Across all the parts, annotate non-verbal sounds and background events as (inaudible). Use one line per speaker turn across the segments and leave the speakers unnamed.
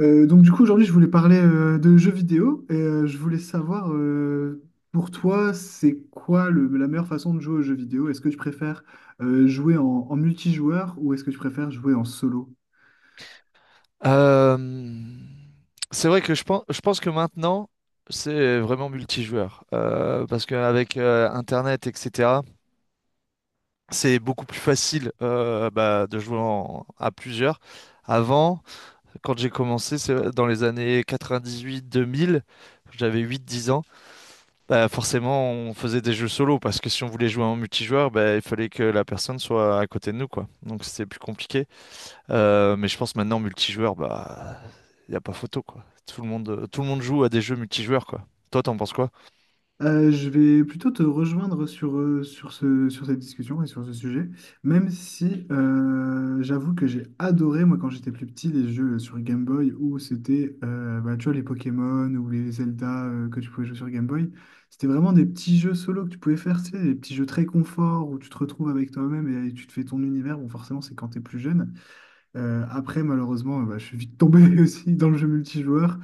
Donc du coup aujourd'hui je voulais parler de jeux vidéo et je voulais savoir pour toi c'est quoi la meilleure façon de jouer aux jeux vidéo? Est-ce que tu préfères jouer en multijoueur ou est-ce que tu préfères jouer en solo?
Euh, c'est vrai que je pense que maintenant, c'est vraiment multijoueur. Parce qu'avec Internet, etc., c'est beaucoup plus facile bah, de jouer à plusieurs. Avant, quand j'ai commencé, c'est dans les années 98-2000, j'avais 8-10 ans, bah, forcément, on faisait des jeux solo. Parce que si on voulait jouer en multijoueur, bah, il fallait que la personne soit à côté de nous, quoi. Donc c'était plus compliqué. Mais je pense maintenant, multijoueur, bah, y a pas photo, quoi. Tout le monde joue à des jeux multijoueurs, quoi. Toi, t'en penses quoi?
Je vais plutôt te rejoindre sur sur cette discussion et sur ce sujet, même si j'avoue que j'ai adoré, moi, quand j'étais plus petit, les jeux sur Game Boy où c'était, bah, tu vois, les Pokémon ou les Zelda que tu pouvais jouer sur Game Boy. C'était vraiment des petits jeux solo que tu pouvais faire, tu sais, des petits jeux très confort où tu te retrouves avec toi-même et tu te fais ton univers. Bon, forcément, c'est quand t'es plus jeune. Après, je suis vite tombé (laughs) aussi dans le jeu multijoueur.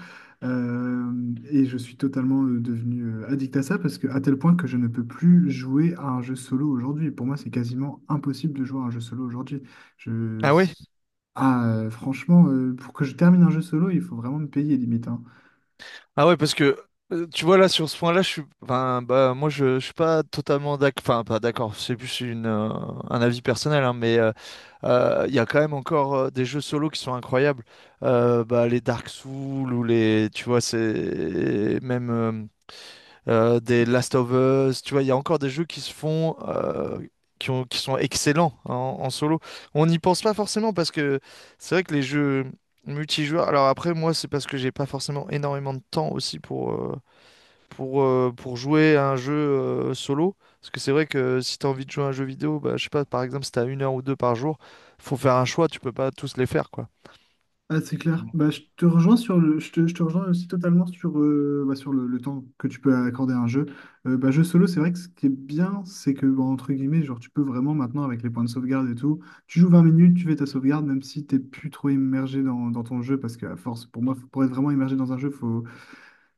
Euh, et je suis totalement devenu addict à ça parce que à tel point que je ne peux plus jouer à un jeu solo aujourd'hui. Pour moi, c'est quasiment impossible de jouer à un jeu solo aujourd'hui. Je...
Ah ouais?
Ah, franchement, pour que je termine un jeu solo, il faut vraiment me payer limite.
Ah ouais, parce que tu vois là sur ce point-là, je suis, enfin, bah moi je suis pas totalement d'accord, enfin pas d'accord. C'est plus un avis personnel, hein, mais il y a quand même encore des jeux solo qui sont incroyables. Bah, les Dark Souls ou les, tu vois, c'est même des Last of Us, tu vois, il y a encore des jeux qui se font, qui sont excellents, hein, en solo. On n'y pense pas forcément parce que c'est vrai que les jeux multijoueurs. Alors après, moi, c'est parce que j'ai pas forcément énormément de temps aussi pour jouer à un jeu solo. Parce que c'est vrai que si tu as envie de jouer à un jeu vidéo, bah, je sais pas, par exemple, si tu as une heure ou deux par jour, faut faire un choix, tu peux pas tous les faire, quoi.
Ah, c'est clair. Bah, je te rejoins aussi totalement sur le temps que tu peux accorder à un jeu. Jeu solo, c'est vrai que ce qui est bien, c'est que, bah, entre guillemets, genre, tu peux vraiment maintenant, avec les points de sauvegarde et tout, tu joues 20 minutes, tu fais ta sauvegarde, même si t'es plus trop immergé dans ton jeu, parce que à force, pour moi, pour être vraiment immergé dans un jeu,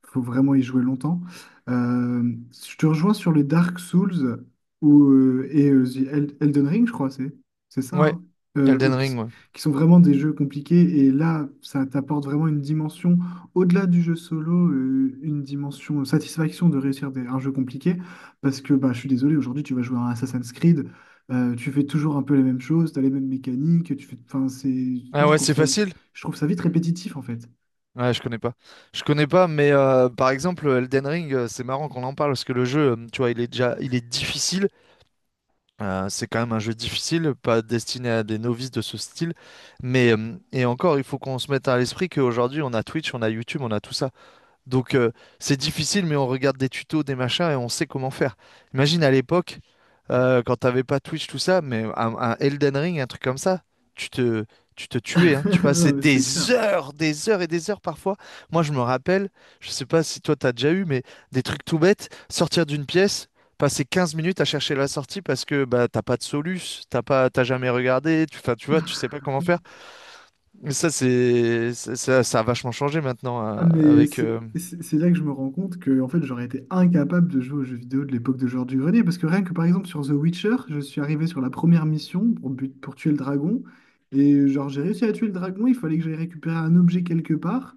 faut vraiment y jouer longtemps. Euh, je te rejoins sur le Dark Souls ou Elden Ring, je crois, c'est ça,
Ouais,
hein, euh, ou
Elden
qui,
Ring, ouais.
qui sont vraiment des jeux compliqués. Et là, ça t'apporte vraiment une dimension, au-delà du jeu solo, une dimension satisfaction de réussir un jeu compliqué. Parce que bah, je suis désolé, aujourd'hui, tu vas jouer à un Assassin's Creed, tu fais toujours un peu les mêmes choses, tu as les mêmes mécaniques. Tu fais, enfin, c'est, moi,
Ah ouais, c'est facile.
je trouve ça vite répétitif, en fait.
Ouais, je connais pas. Je connais pas, mais par exemple, Elden Ring, c'est marrant qu'on en parle parce que le jeu, tu vois, il est difficile. C'est quand même un jeu difficile, pas destiné à des novices de ce style. Mais, et encore, il faut qu'on se mette à l'esprit qu'aujourd'hui, on a Twitch, on a YouTube, on a tout ça. Donc, c'est difficile, mais on regarde des tutos, des machins et on sait comment faire. Imagine à l'époque quand t'avais pas Twitch, tout ça, mais un Elden Ring, un truc comme ça, tu te, tu te tuais, hein. Tu
(laughs)
passais
Non, mais c'est clair.
des heures et des heures parfois. Moi, je me rappelle, je sais pas si toi t'as déjà eu, mais des trucs tout bêtes, sortir d'une pièce, passer 15 minutes à chercher la sortie parce que bah t'as pas de soluce, t'as pas, t'as jamais regardé, tu, enfin, tu vois, tu sais pas comment faire. Mais ça, ça a vachement changé maintenant avec.
C'est là que je me rends compte que en fait, j'aurais été incapable de jouer aux jeux vidéo de l'époque de Georges du Grenier. Parce que rien que par exemple sur The Witcher, je suis arrivé sur la première mission pour tuer le dragon. Et genre, j'ai réussi à tuer le dragon, il fallait que j'aille récupérer un objet quelque part.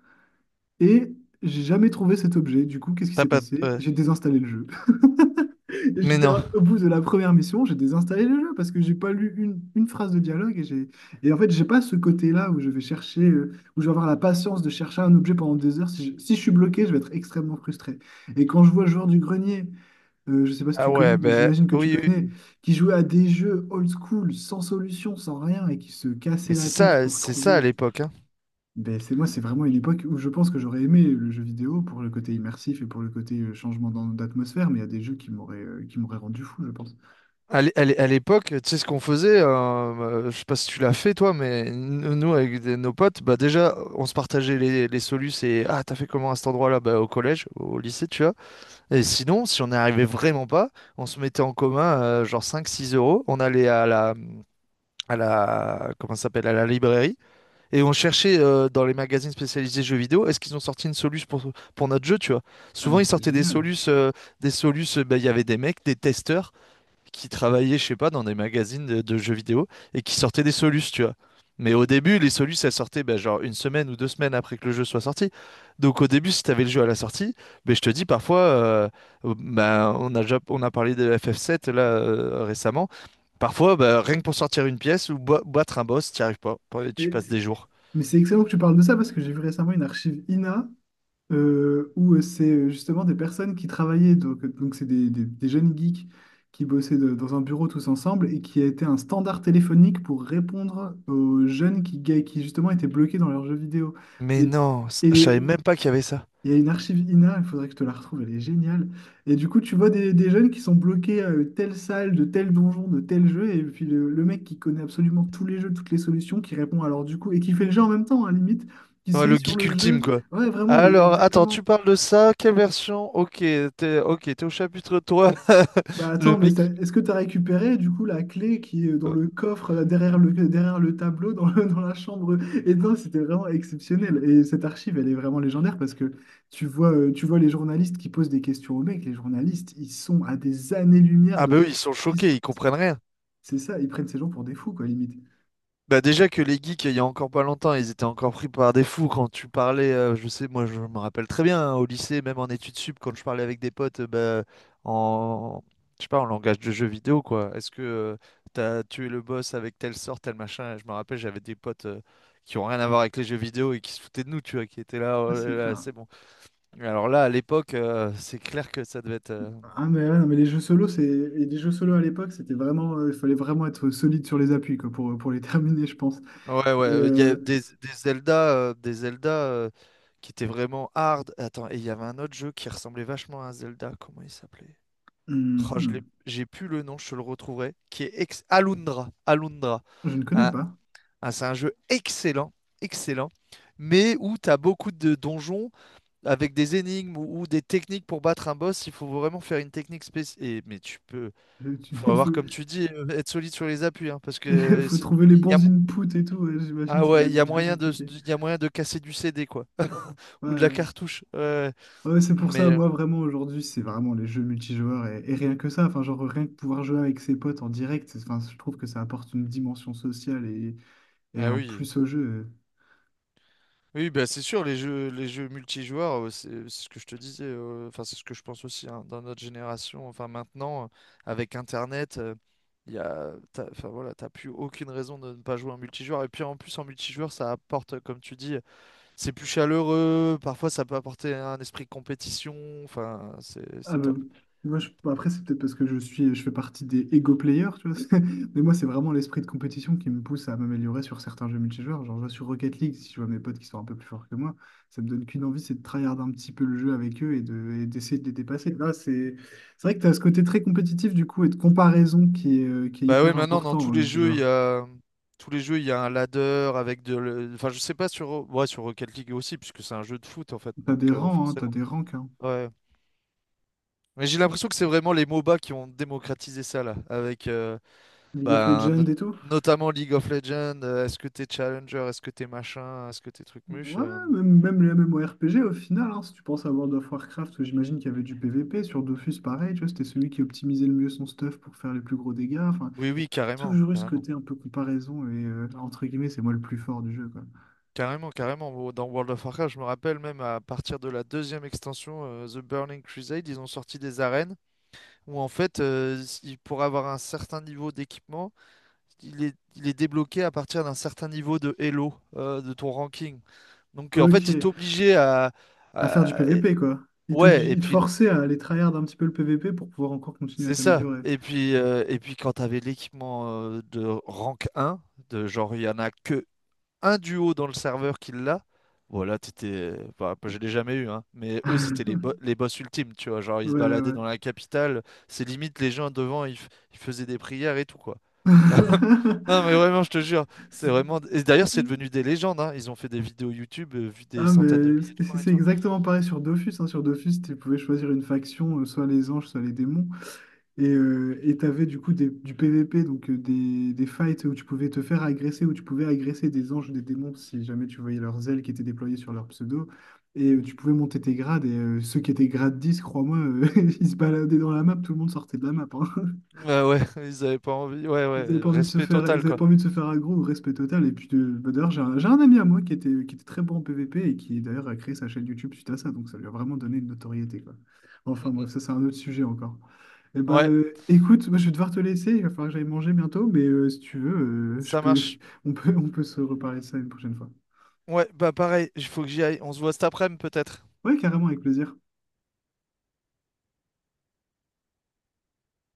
Et j'ai jamais trouvé cet objet. Du coup, qu'est-ce qui
T'as
s'est
pas.
passé?
Ouais.
J'ai désinstallé le jeu. Et
Mais
j'étais
non.
au bout de la première mission, j'ai désinstallé le jeu parce que j'ai pas lu une phrase de dialogue et en fait j'ai pas ce côté-là où je vais chercher où je vais avoir la patience de chercher un objet pendant des heures. Si je suis bloqué, je vais être extrêmement frustré. Et quand je vois le joueur du grenier, je sais pas si
Ah
tu
ouais,
connais, mais
ben
j'imagine que tu
oui,
connais,
oui.
qui jouait à des jeux old school, sans solution, sans rien et qui se cassait
Mais
la tête pour
c'est ça à
trouver
l'époque, hein.
ben, c'est moi, c'est vraiment une époque où je pense que j'aurais aimé le jeu vidéo pour le côté immersif et pour le côté changement d'atmosphère, mais il y a des jeux qui m'auraient rendu fou, je pense.
À l'époque, tu sais ce qu'on faisait, je sais pas si tu l'as fait toi, mais nous avec nos potes, bah déjà on se partageait les solus et ah t'as fait comment à cet endroit-là, bah au collège, au lycée tu vois. Et sinon, si on n'y arrivait vraiment pas, on se mettait en commun genre 5, 6 euros, on allait à la comment ça s'appelle à la librairie et on cherchait dans les magazines spécialisés jeux vidéo, est-ce qu'ils ont sorti une soluce pour notre jeu tu vois.
Ah,
Souvent
mais
ils
c'est
sortaient des
génial.
solus, bah, il y avait des mecs, des testeurs qui travaillaient, je sais pas, dans des magazines de jeux vidéo et qui sortaient des solus, tu vois. Mais au début, les solus, elles sortaient ben, genre une semaine ou 2 semaines après que le jeu soit sorti. Donc au début, si t'avais le jeu à la sortie, ben, je te dis parfois, ben, on a parlé de FF7 là récemment. Parfois, ben, rien que pour sortir une pièce ou battre un boss, t'y arrives pas. Tu
Mais,
passes des jours.
mais c'est excellent que tu parles de ça parce que j'ai vu récemment une archive INA où c'est justement des personnes qui travaillaient, donc c'est des jeunes geeks qui bossaient dans un bureau tous ensemble et qui a été un standard téléphonique pour répondre aux jeunes qui justement étaient bloqués dans leurs jeux vidéo.
Mais non,
Et,
je savais même pas qu'il y avait ça.
il y a une archive INA, il faudrait que je te la retrouve, elle est géniale. Et du coup, tu vois des jeunes qui sont bloqués à telle salle, de tel donjon, de tel jeu, et puis le mec qui connaît absolument tous les jeux, toutes les solutions, qui répond alors du coup, et qui fait le jeu en même temps, à limite, qui
Ouais,
se met
le
sur
geek
le
ultime,
jeu.
quoi.
Ouais, vraiment,
Alors, attends, tu
exactement.
parles de ça, quelle version? Ok, t'es au chapitre 3. (laughs)
Bah
Le
attends, mais
mec.
est-ce que tu as récupéré du coup la clé qui est dans le coffre derrière derrière le tableau dans (laughs) dans la chambre? Et non, c'était vraiment exceptionnel. Et cette archive, elle est vraiment légendaire parce que tu vois les journalistes qui posent des questions aux mecs. Les journalistes, ils sont à des années-lumière
Ah bah
de...
oui, ils sont choqués, ils
(laughs)
comprennent rien.
C'est ça, ils prennent ces gens pour des fous, quoi, limite.
Bah déjà que les geeks, il y a encore pas longtemps, ils étaient encore pris par des fous quand tu parlais, je sais, moi je me rappelle très bien, hein, au lycée, même en études sup, quand je parlais avec des potes, bah, en, je sais pas, en langage de jeu vidéo, quoi. Est-ce que t'as tué le boss avec telle sorte, tel machin? Je me rappelle, j'avais des potes qui ont rien à voir avec les jeux vidéo et qui se foutaient de nous, tu vois, qui étaient là,
Ah,
oh
c'est
là là,
clair.
c'est bon. Mais alors là, à l'époque, c'est clair que ça devait être.
Ouais, non, mais les jeux solo, c'est... et les jeux solo à l'époque, c'était vraiment... il fallait vraiment être solide sur les appuis, quoi, pour les (laughs) terminer, je pense.
Ouais, ouais,
Et...
il y a
euh,
des Zelda, qui étaient vraiment hard. Attends, et il y avait un autre jeu qui ressemblait vachement à un Zelda, comment il s'appelait?
hum,
Oh, je l'ai,
hum,
j'ai plus le nom, je te le retrouverai, qui est ex Alundra, Alundra.
je ne connais
Un-
pas.
c'est un jeu excellent, excellent, mais où tu as beaucoup de donjons avec des énigmes ou des techniques pour battre un boss, il faut vraiment faire une technique spéciale. Mais
Euh, tu- (laughs)
faut
Il
avoir,
faut,
comme tu dis, être solide sur les appuis, hein, parce
(laughs)
que
faut trouver les
il y a
bons inputs et tout, ouais, j'imagine
ah
ça doit
ouais,
être bien compliqué.
il y a moyen de casser du CD, quoi.
Ouais,
Ou de la
ouais.
cartouche. Ouais.
Ouais, c'est pour ça,
Mais.
moi vraiment aujourd'hui, c'est vraiment les jeux multijoueurs et rien que ça, enfin genre rien que pouvoir jouer avec ses potes en direct, enfin, je trouve que ça apporte une dimension sociale et
Ah
un
oui.
plus au jeu.
Oui, bah c'est sûr, les jeux multijoueurs, c'est ce que je te disais, enfin c'est ce que je pense aussi, hein, dans notre génération, enfin maintenant, avec Internet, t'as, enfin voilà, t'as plus aucune raison de ne pas jouer en multijoueur. Et puis en plus en multijoueur, ça apporte, comme tu dis, c'est plus chaleureux, parfois ça peut apporter un esprit de compétition, enfin c'est
Ah
c'est
bah,
top.
moi, je- bon, après, c'est peut-être parce que je fais partie des ego players, tu vois. (laughs) Mais moi, c'est vraiment l'esprit de compétition qui me pousse à m'améliorer sur certains jeux multijoueurs. Genre, je vois sur Rocket League, si je vois mes potes qui sont un peu plus forts que moi, ça me donne qu'une envie, c'est de tryhard un petit peu le jeu avec eux et d'essayer de les dépasser. Là, c'est vrai que tu as ce côté très compétitif, du coup, et de comparaison qui est
Bah oui,
hyper
maintenant dans
important dans
tous
le
les jeux, il
multijoueur.
y a un ladder avec enfin je sais pas sur ouais, sur Rocket League aussi puisque c'est un jeu de foot en fait.
T'as des
Donc,
rangs, hein, t'as
forcément.
des ranks, hein.
Ouais. Mais j'ai l'impression que c'est vraiment les MOBA qui ont démocratisé ça là avec
League of
bah,
Legends et tout.
notamment League of Legends, est-ce que t'es challenger, est-ce que t'es machin, est-ce que t'es truc muche
Ouais,
euh,
même les MMORPG au final, hein, si tu penses à World of Warcraft, j'imagine qu'il y avait du PvP, sur Dofus pareil, tu vois, c'était celui qui optimisait le mieux son stuff pour faire les plus gros dégâts, enfin,
Oui oui, carrément,
toujours eu ce
carrément.
côté un peu comparaison et entre guillemets, c'est moi le plus fort du jeu, quoi.
Carrément, carrément. Dans World of Warcraft, je me rappelle même à partir de la deuxième extension, The Burning Crusade, ils ont sorti des arènes. Où en fait, pour avoir un certain niveau d'équipement, il est débloqué à partir d'un certain niveau de Elo, de ton ranking. Donc, en fait, il
Ok,
t'obligeait à,
à faire du
à- et-
PvP, quoi. Il t'oblige,
Ouais, et
il te
puis
forçait à aller tryhard un petit peu le PvP pour pouvoir encore continuer à
c'est ça.
t'améliorer.
Et puis, quand tu avais l'équipement de rank un, de genre il y en a que un duo dans le serveur qui l'a, voilà, t'étais. Bah, je l'ai jamais eu, hein, mais eux, c'était
(laughs)
les boss ultimes, tu vois. Genre, ils
Ouais,
se baladaient
ouais.
dans la capitale, c'est limite les gens devant, ils faisaient des prières et tout, quoi.
Ouais.
(laughs)
(laughs)
Non, mais vraiment, je te jure, c'est
C'est-
vraiment. Et d'ailleurs, c'est devenu des légendes, hein. Ils ont fait des vidéos YouTube vues des
ah,
centaines de
mais
milliers de
c'est
fois et
c'est
tout.
exactement pareil sur Dofus, hein. Sur Dofus, tu pouvais choisir une faction, soit les anges, soit les démons. Et t'avais du coup du PVP, des fights où tu pouvais te faire agresser, où tu pouvais agresser des anges ou des démons si jamais tu voyais leurs ailes qui étaient déployées sur leur pseudo. Et
Mhm.
tu pouvais monter tes grades. Et ceux qui étaient grade 10 crois-moi, (laughs) ils se baladaient dans la map, tout le monde sortait de la map, hein.
Ouais, ouais, (laughs) ils avaient pas envie. Ouais,
Ils avaient
ouais,
pas envie de se
respect
faire, ils
total,
avaient
quoi.
pas envie de se faire aggro, respect total. Et puis bah, d'ailleurs, j'ai un ami à moi qui était très bon en PVP et qui d'ailleurs a créé sa chaîne YouTube suite à ça. Donc ça lui a vraiment donné une notoriété, quoi. Enfin
Mm, mm.
bref, ça c'est un autre sujet encore. Et bah,
Ouais,
euh, écoute, moi je vais devoir te laisser, il va falloir que j'aille manger bientôt, mais si tu veux, euh, je
ça
peux,
marche.
(laughs) on peut se reparler de ça une prochaine fois.
Ouais, bah pareil, il faut que j'y aille. On se voit cet après-midi, peut-être.
Ouais, carrément, avec plaisir.